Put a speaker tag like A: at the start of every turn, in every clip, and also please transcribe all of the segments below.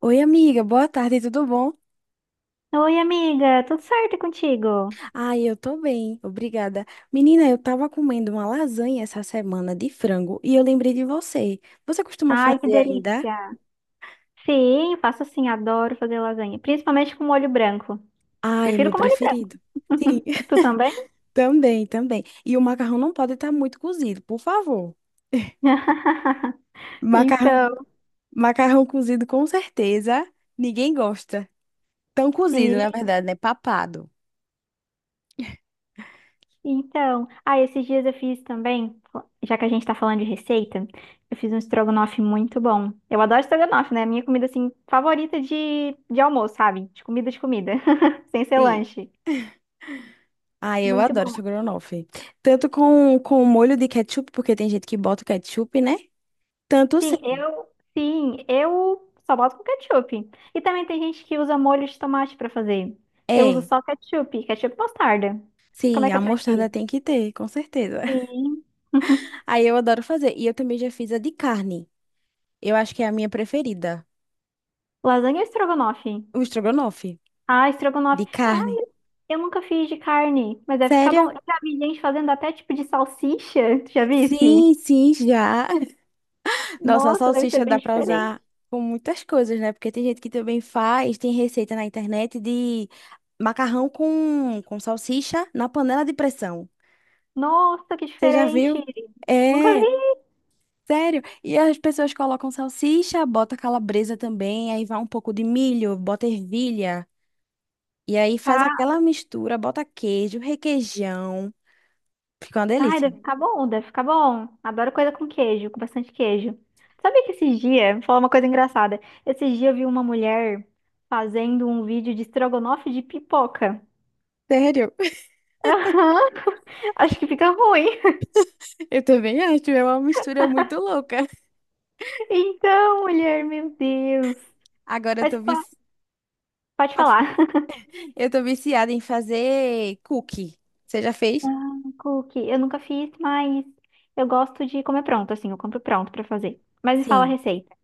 A: Oi, amiga, boa tarde, tudo bom?
B: Oi, amiga, tudo certo e contigo?
A: Ai, eu tô bem, obrigada. Menina, eu tava comendo uma lasanha essa semana de frango e eu lembrei de você. Você costuma
B: Ai, que
A: fazer ainda?
B: delícia. Sim, faço sim, adoro fazer lasanha, principalmente com molho branco.
A: Ai, é
B: Prefiro
A: meu
B: com molho
A: preferido. Sim,
B: branco. Tu também?
A: também, também. E o macarrão não pode estar muito cozido, por favor. Macarrão,
B: Então,
A: macarrão cozido com certeza, ninguém gosta. Tão cozido, na
B: sim.
A: verdade, né? Papado.
B: Então, ah, esses dias eu fiz também, já que a gente tá falando de receita, eu fiz um estrogonofe muito bom. Eu adoro estrogonofe, né? Minha comida assim favorita de almoço, sabe? De comida, sem ser
A: Sim.
B: lanche.
A: Ah, eu
B: Muito
A: adoro
B: bom.
A: estrogonofe. Tanto com molho de ketchup, porque tem gente que bota o ketchup, né? Tanto
B: Sim, eu, sim, eu só boto com ketchup. E também tem gente que usa molho de tomate pra fazer. Eu uso
A: é,
B: só ketchup, ketchup e mostarda. Como
A: sim,
B: é que é
A: a
B: pra ti?
A: mostarda tem que ter, com certeza.
B: Sim.
A: Aí eu adoro fazer. E eu também já fiz a de carne. Eu acho que é a minha preferida.
B: Lasanha ou estrogonofe?
A: O estrogonofe
B: Ah, estrogonofe.
A: de
B: Ah,
A: carne.
B: eu nunca fiz de carne, mas deve ficar bom.
A: Sério?
B: Eu já vi gente fazendo até tipo de salsicha, tu já visse?
A: Sim, sim, já. Nossa, a
B: Nossa, deve ser
A: salsicha
B: bem
A: dá pra
B: diferente.
A: usar com muitas coisas, né? Porque tem gente que também faz, tem receita na internet de macarrão com salsicha na panela de pressão.
B: Nossa, que
A: Você já
B: diferente.
A: viu?
B: Nunca
A: É.
B: vi.
A: Sério? E as pessoas colocam salsicha, bota calabresa também, aí vai um pouco de milho, bota ervilha, e aí faz
B: Tá.
A: aquela mistura, bota queijo, requeijão. Fica uma
B: Ai,
A: delícia.
B: deve ficar bom, deve ficar bom. Adoro coisa com queijo, com bastante queijo. Sabe que esses dias, vou falar uma coisa engraçada. Esses dias eu vi uma mulher fazendo um vídeo de estrogonofe de pipoca.
A: Sério?
B: Aham, acho que fica ruim.
A: Eu também acho, é uma mistura muito louca.
B: Então, mulher, meu Deus.
A: Agora eu
B: Mas
A: tô
B: pa-
A: vici...
B: pode falar.
A: eu tô viciada em fazer cookie. Você já fez?
B: Ah, cookie, eu nunca fiz, mas eu gosto de comer pronto, assim, eu compro pronto pra fazer. Mas me fala a
A: Sim.
B: receita.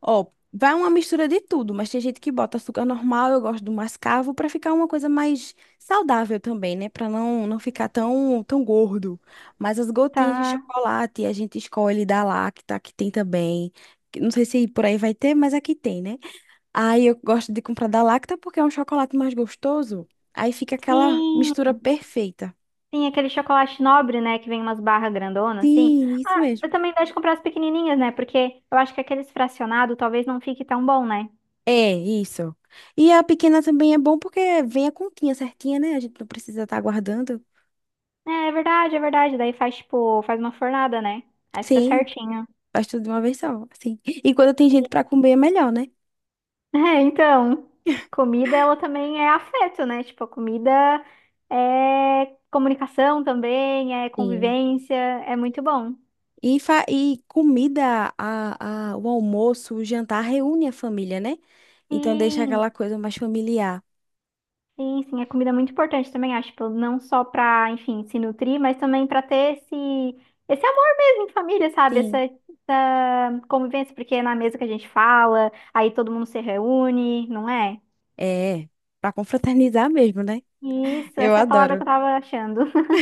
A: Ó, vai uma mistura de tudo, mas tem gente que bota açúcar normal, eu gosto do mascavo para ficar uma coisa mais saudável também, né? Para não ficar tão gordo. Mas as gotinhas de
B: Tá.
A: chocolate a gente escolhe da Lacta, que tem também. Que não sei se por aí vai ter, mas aqui tem, né? Aí eu gosto de comprar da Lacta porque é um chocolate mais gostoso. Aí fica aquela
B: Sim,
A: mistura perfeita.
B: sim, aquele chocolate nobre, né, que vem umas barras grandonas, assim.
A: Sim, isso mesmo.
B: Eu também gosto de comprar as pequenininhas, né? Porque eu acho que aqueles fracionados talvez não fique tão bom, né?
A: É, isso. E a pequena também é bom porque vem a continha certinha, né? A gente não precisa estar guardando.
B: É, é verdade, é verdade. Daí faz, tipo, faz uma fornada, né? Aí fica
A: Sim,
B: certinho.
A: faz tudo de uma vez só, assim. E quando tem gente pra comer é melhor, né?
B: É, então, comida, ela também é afeto, né? Tipo, a comida é comunicação também, é
A: Sim.
B: convivência, é muito bom.
A: E, fa e comida, o almoço, o jantar reúne a família, né? Então deixa
B: Sim,
A: aquela coisa mais familiar.
B: sim, sim, a comida é muito importante também, acho, tipo, não só para, enfim, se nutrir, mas também para ter esse amor mesmo em família, sabe? Essa,
A: Sim.
B: essa convivência, porque é na mesa que a gente fala, aí todo mundo se reúne, não é?
A: É, pra confraternizar mesmo, né?
B: Isso,
A: Eu
B: essa é a palavra que
A: adoro.
B: eu tava achando.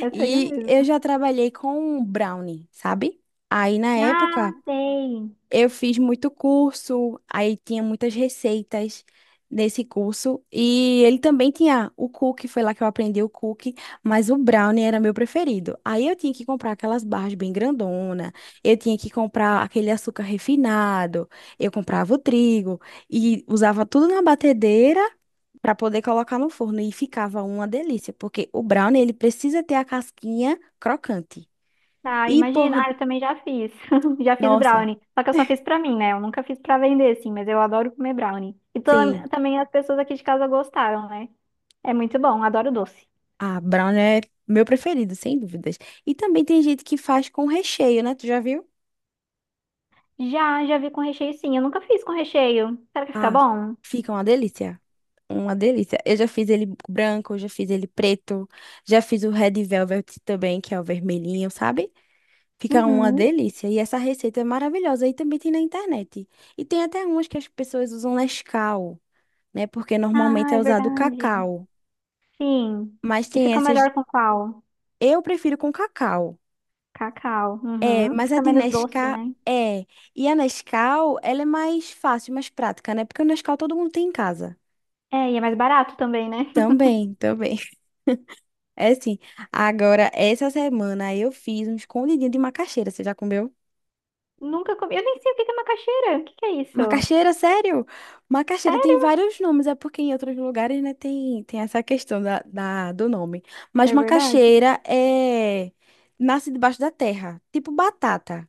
B: Essa aí
A: E eu
B: mesmo.
A: já trabalhei com brownie, sabe? Aí na
B: Ah,
A: época
B: sei.
A: eu fiz muito curso, aí tinha muitas receitas nesse curso. E ele também tinha o cookie, foi lá que eu aprendi o cookie, mas o brownie era meu preferido. Aí eu tinha que comprar aquelas barras bem grandona, eu tinha que comprar aquele açúcar refinado, eu comprava o trigo e usava tudo na batedeira para poder colocar no forno e ficava uma delícia, porque o brownie ele precisa ter a casquinha crocante.
B: Ah,
A: E por,
B: imagina. Ah, eu também já fiz. Já fiz
A: nossa,
B: brownie. Só que eu só fiz pra mim, né? Eu nunca fiz pra vender, assim, mas eu adoro comer brownie. E
A: sim.
B: também as pessoas aqui de casa gostaram, né? É muito bom, adoro doce.
A: Ah, brown é meu preferido, sem dúvidas. E também tem gente que faz com recheio, né? Tu já viu?
B: Já, já vi com recheio sim. Eu nunca fiz com recheio. Será que fica
A: Ah,
B: bom?
A: fica uma delícia. Uma delícia. Eu já fiz ele branco, já fiz ele preto, já fiz o red velvet também, que é o vermelhinho, sabe? Fica uma
B: Uhum.
A: delícia. E essa receita é maravilhosa. E também tem na internet. E tem até umas que as pessoas usam Nescau, né? Porque normalmente
B: Ah,
A: é
B: é
A: usado
B: verdade.
A: cacau.
B: Sim.
A: Mas
B: E
A: tem
B: fica
A: essas.
B: melhor com qual?
A: Eu prefiro com cacau.
B: Cacau.
A: É,
B: Uhum.
A: mas a
B: Fica
A: de
B: menos doce,
A: Nescau
B: né?
A: é. E a Nescau, ela é mais fácil, mais prática, né? Porque o Nescau todo mundo tem em casa.
B: É, e é mais barato também, né?
A: Também, também. É assim. Agora, essa semana eu fiz um escondidinho de macaxeira. Você já comeu?
B: Nunca comi. Eu nem sei o que que é macaxeira. O que que é isso?
A: Macaxeira, sério? Macaxeira tem
B: Sério?
A: vários nomes, é porque em outros lugares, né, tem, tem essa questão do nome. Mas
B: É verdade.
A: macaxeira é. Nasce debaixo da terra, tipo batata.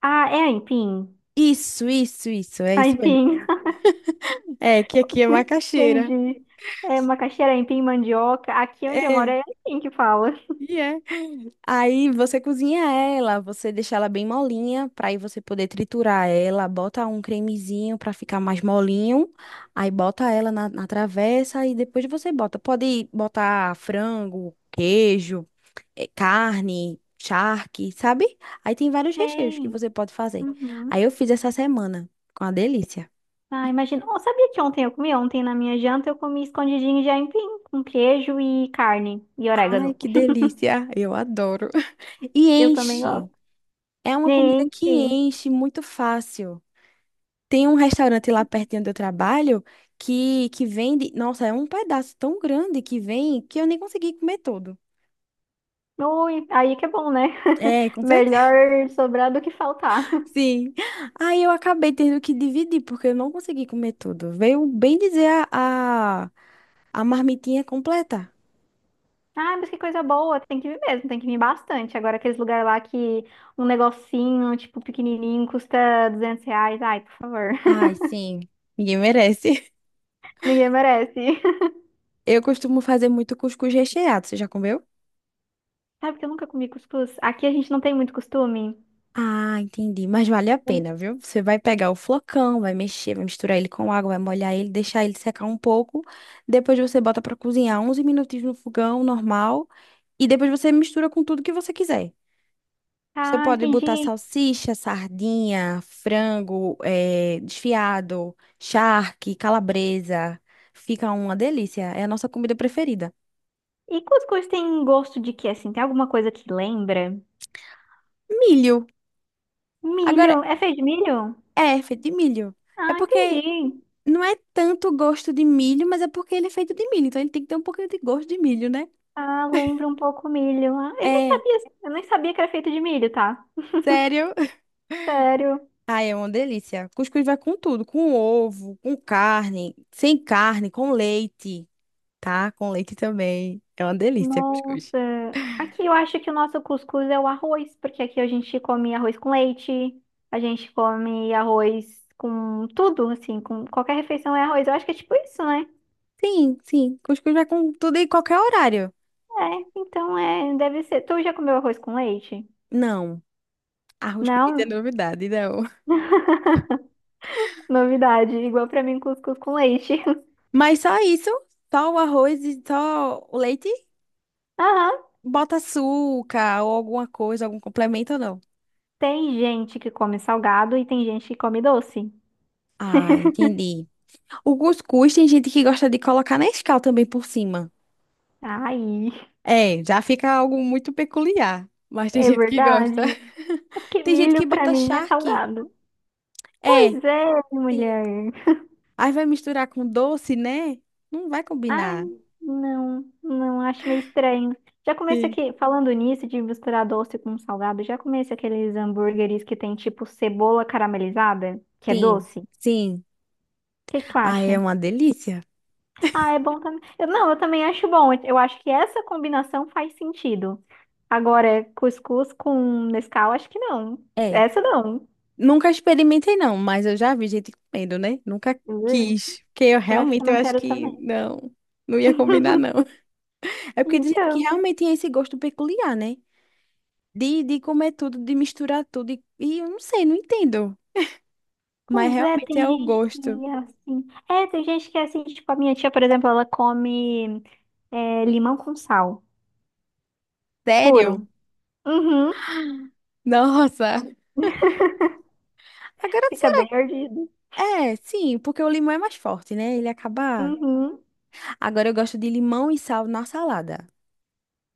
B: Ah, é aipim.
A: Isso, é isso mesmo.
B: Aipim.
A: É, que aqui é macaxeira.
B: Entendi. É macaxeira, aipim, mandioca. Aqui onde eu moro
A: É.
B: é aipim que fala.
A: E é. Aí você cozinha ela, você deixa ela bem molinha, pra aí você poder triturar ela, bota um cremezinho pra ficar mais molinho, aí bota ela na, na travessa e depois você bota. Pode botar frango, queijo, carne, charque, sabe? Aí tem vários recheios que
B: Sei.
A: você pode fazer.
B: Uhum.
A: Aí eu fiz essa semana, com uma delícia.
B: Ah, imagina. Oh, sabia que ontem eu comi? Ontem na minha janta eu comi escondidinho de aipim com queijo e carne e
A: Ai,
B: orégano.
A: que delícia! Eu adoro. E
B: Eu também gosto.
A: enche. É uma comida
B: Gente,
A: que
B: sim.
A: enche muito fácil. Tem um restaurante lá pertinho do trabalho que vende. Nossa, é um pedaço tão grande que vem que eu nem consegui comer todo.
B: Ui, aí que é bom, né?
A: É, com certeza.
B: Melhor sobrar do que faltar.
A: Sim. Aí eu acabei tendo que dividir, porque eu não consegui comer tudo. Veio bem dizer a marmitinha completa.
B: Ah, mas que coisa boa. Tem que vir mesmo, tem que vir bastante. Agora aqueles lugares lá que um negocinho, tipo, pequenininho, custa R$200. Ai, por favor.
A: Ai, sim. Ninguém merece.
B: Ninguém merece.
A: Eu costumo fazer muito cuscuz recheado. Você já comeu?
B: Sabe que eu nunca comi cuscuz? Aqui a gente não tem muito costume.
A: Ah, entendi. Mas vale a
B: Eu-
A: pena, viu? Você vai pegar o flocão, vai mexer, vai misturar ele com água, vai molhar ele, deixar ele secar um pouco. Depois você bota pra cozinhar 11 minutinhos no fogão normal. E depois você mistura com tudo que você quiser. Você
B: Ah,
A: pode botar
B: entendi.
A: salsicha, sardinha, frango, desfiado, charque, calabresa. Fica uma delícia. É a nossa comida preferida.
B: E cuscuz tem gosto de quê, assim? Tem alguma coisa que lembra?
A: Milho. Agora,
B: Milho. É feito de milho?
A: é, é feito de milho. É
B: Ah,
A: porque
B: entendi.
A: não é tanto gosto de milho, mas é porque ele é feito de milho, então ele tem que ter um pouquinho de gosto de milho, né?
B: Ah, lembra um pouco o milho. Ah,
A: É,
B: eu nem sabia que era feito de milho, tá?
A: sério.
B: Sério.
A: Ai, é uma delícia. Cuscuz vai com tudo, com ovo, com carne, sem carne, com leite, tá? Com leite também. É uma delícia, cuscuz.
B: Nossa. Aqui eu acho que o nosso cuscuz é o arroz, porque aqui a gente come arroz com leite, a gente come arroz com tudo, assim, com qualquer refeição é arroz. Eu acho que é tipo isso, né?
A: Sim, sim. Cuscuz vai com tudo e qualquer horário.
B: É, então é, deve ser. Tu já comeu arroz com leite?
A: Não, arroz com leite é
B: Não?
A: novidade, não.
B: Novidade, igual pra mim, cuscuz com leite.
A: Mas só isso, só o arroz e só o leite,
B: Aham,
A: bota açúcar ou alguma coisa, algum complemento ou não?
B: tem gente que come salgado e tem gente que come doce.
A: Ah, entendi. O cuscuz tem gente que gosta de colocar Nescau também por cima.
B: Ai,
A: É, já fica algo muito peculiar. Mas tem
B: é
A: gente que gosta.
B: verdade. É porque
A: Tem gente que
B: milho pra
A: bota
B: mim é
A: charque.
B: salgado.
A: É,
B: Pois é,
A: sim.
B: mulher.
A: Aí vai misturar com doce, né? Não vai
B: Ai,
A: combinar.
B: não, não, acho meio estranho. Já comecei
A: Sim.
B: aqui, falando nisso de misturar doce com salgado, já comecei aqueles hambúrgueres que tem tipo cebola caramelizada, que é
A: Sim,
B: doce. O
A: sim.
B: que que tu
A: Aí é
B: acha?
A: uma delícia.
B: Ah, é bom também. Eu- não, eu também acho bom. Eu acho que essa combinação faz sentido. Agora, cuscuz com Nescau, acho que não.
A: É.
B: Essa não.
A: Nunca experimentei, não, mas eu já vi gente comendo, né? Nunca
B: Ui,
A: quis. Porque eu
B: eu acho que eu
A: realmente eu
B: não
A: acho
B: quero
A: que
B: também.
A: não, não ia combinar, não. É porque tem gente que
B: Então,
A: realmente tem esse gosto peculiar, né? De comer tudo, de misturar tudo. E eu não sei, não entendo. Mas
B: pois é, tem
A: realmente é o
B: gente
A: gosto.
B: que é assim. É, tem gente que é assim, tipo, a minha tia, por exemplo, ela come é, limão com sal,
A: Sério?
B: puro. Uhum.
A: Nossa. Agora,
B: Fica bem
A: sério.
B: ardido.
A: É, sim, porque o limão é mais forte, né? Ele acaba.
B: Uhum.
A: Agora eu gosto de limão e sal na salada.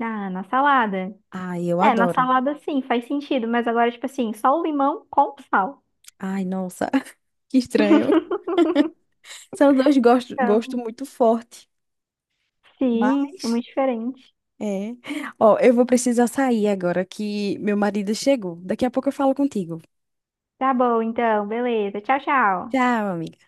B: Ah, na salada.
A: Ai, eu
B: É, na
A: adoro.
B: salada sim, faz sentido, mas agora, tipo assim, só o limão com sal.
A: Ai, nossa, que estranho. São dois gostos
B: Então,
A: gosto muito forte.
B: sim, é
A: Mas,
B: muito diferente.
A: é. Ó, eu vou precisar sair agora que meu marido chegou. Daqui a pouco eu falo contigo.
B: Tá bom, então, beleza. Tchau, tchau.
A: Tchau, amiga.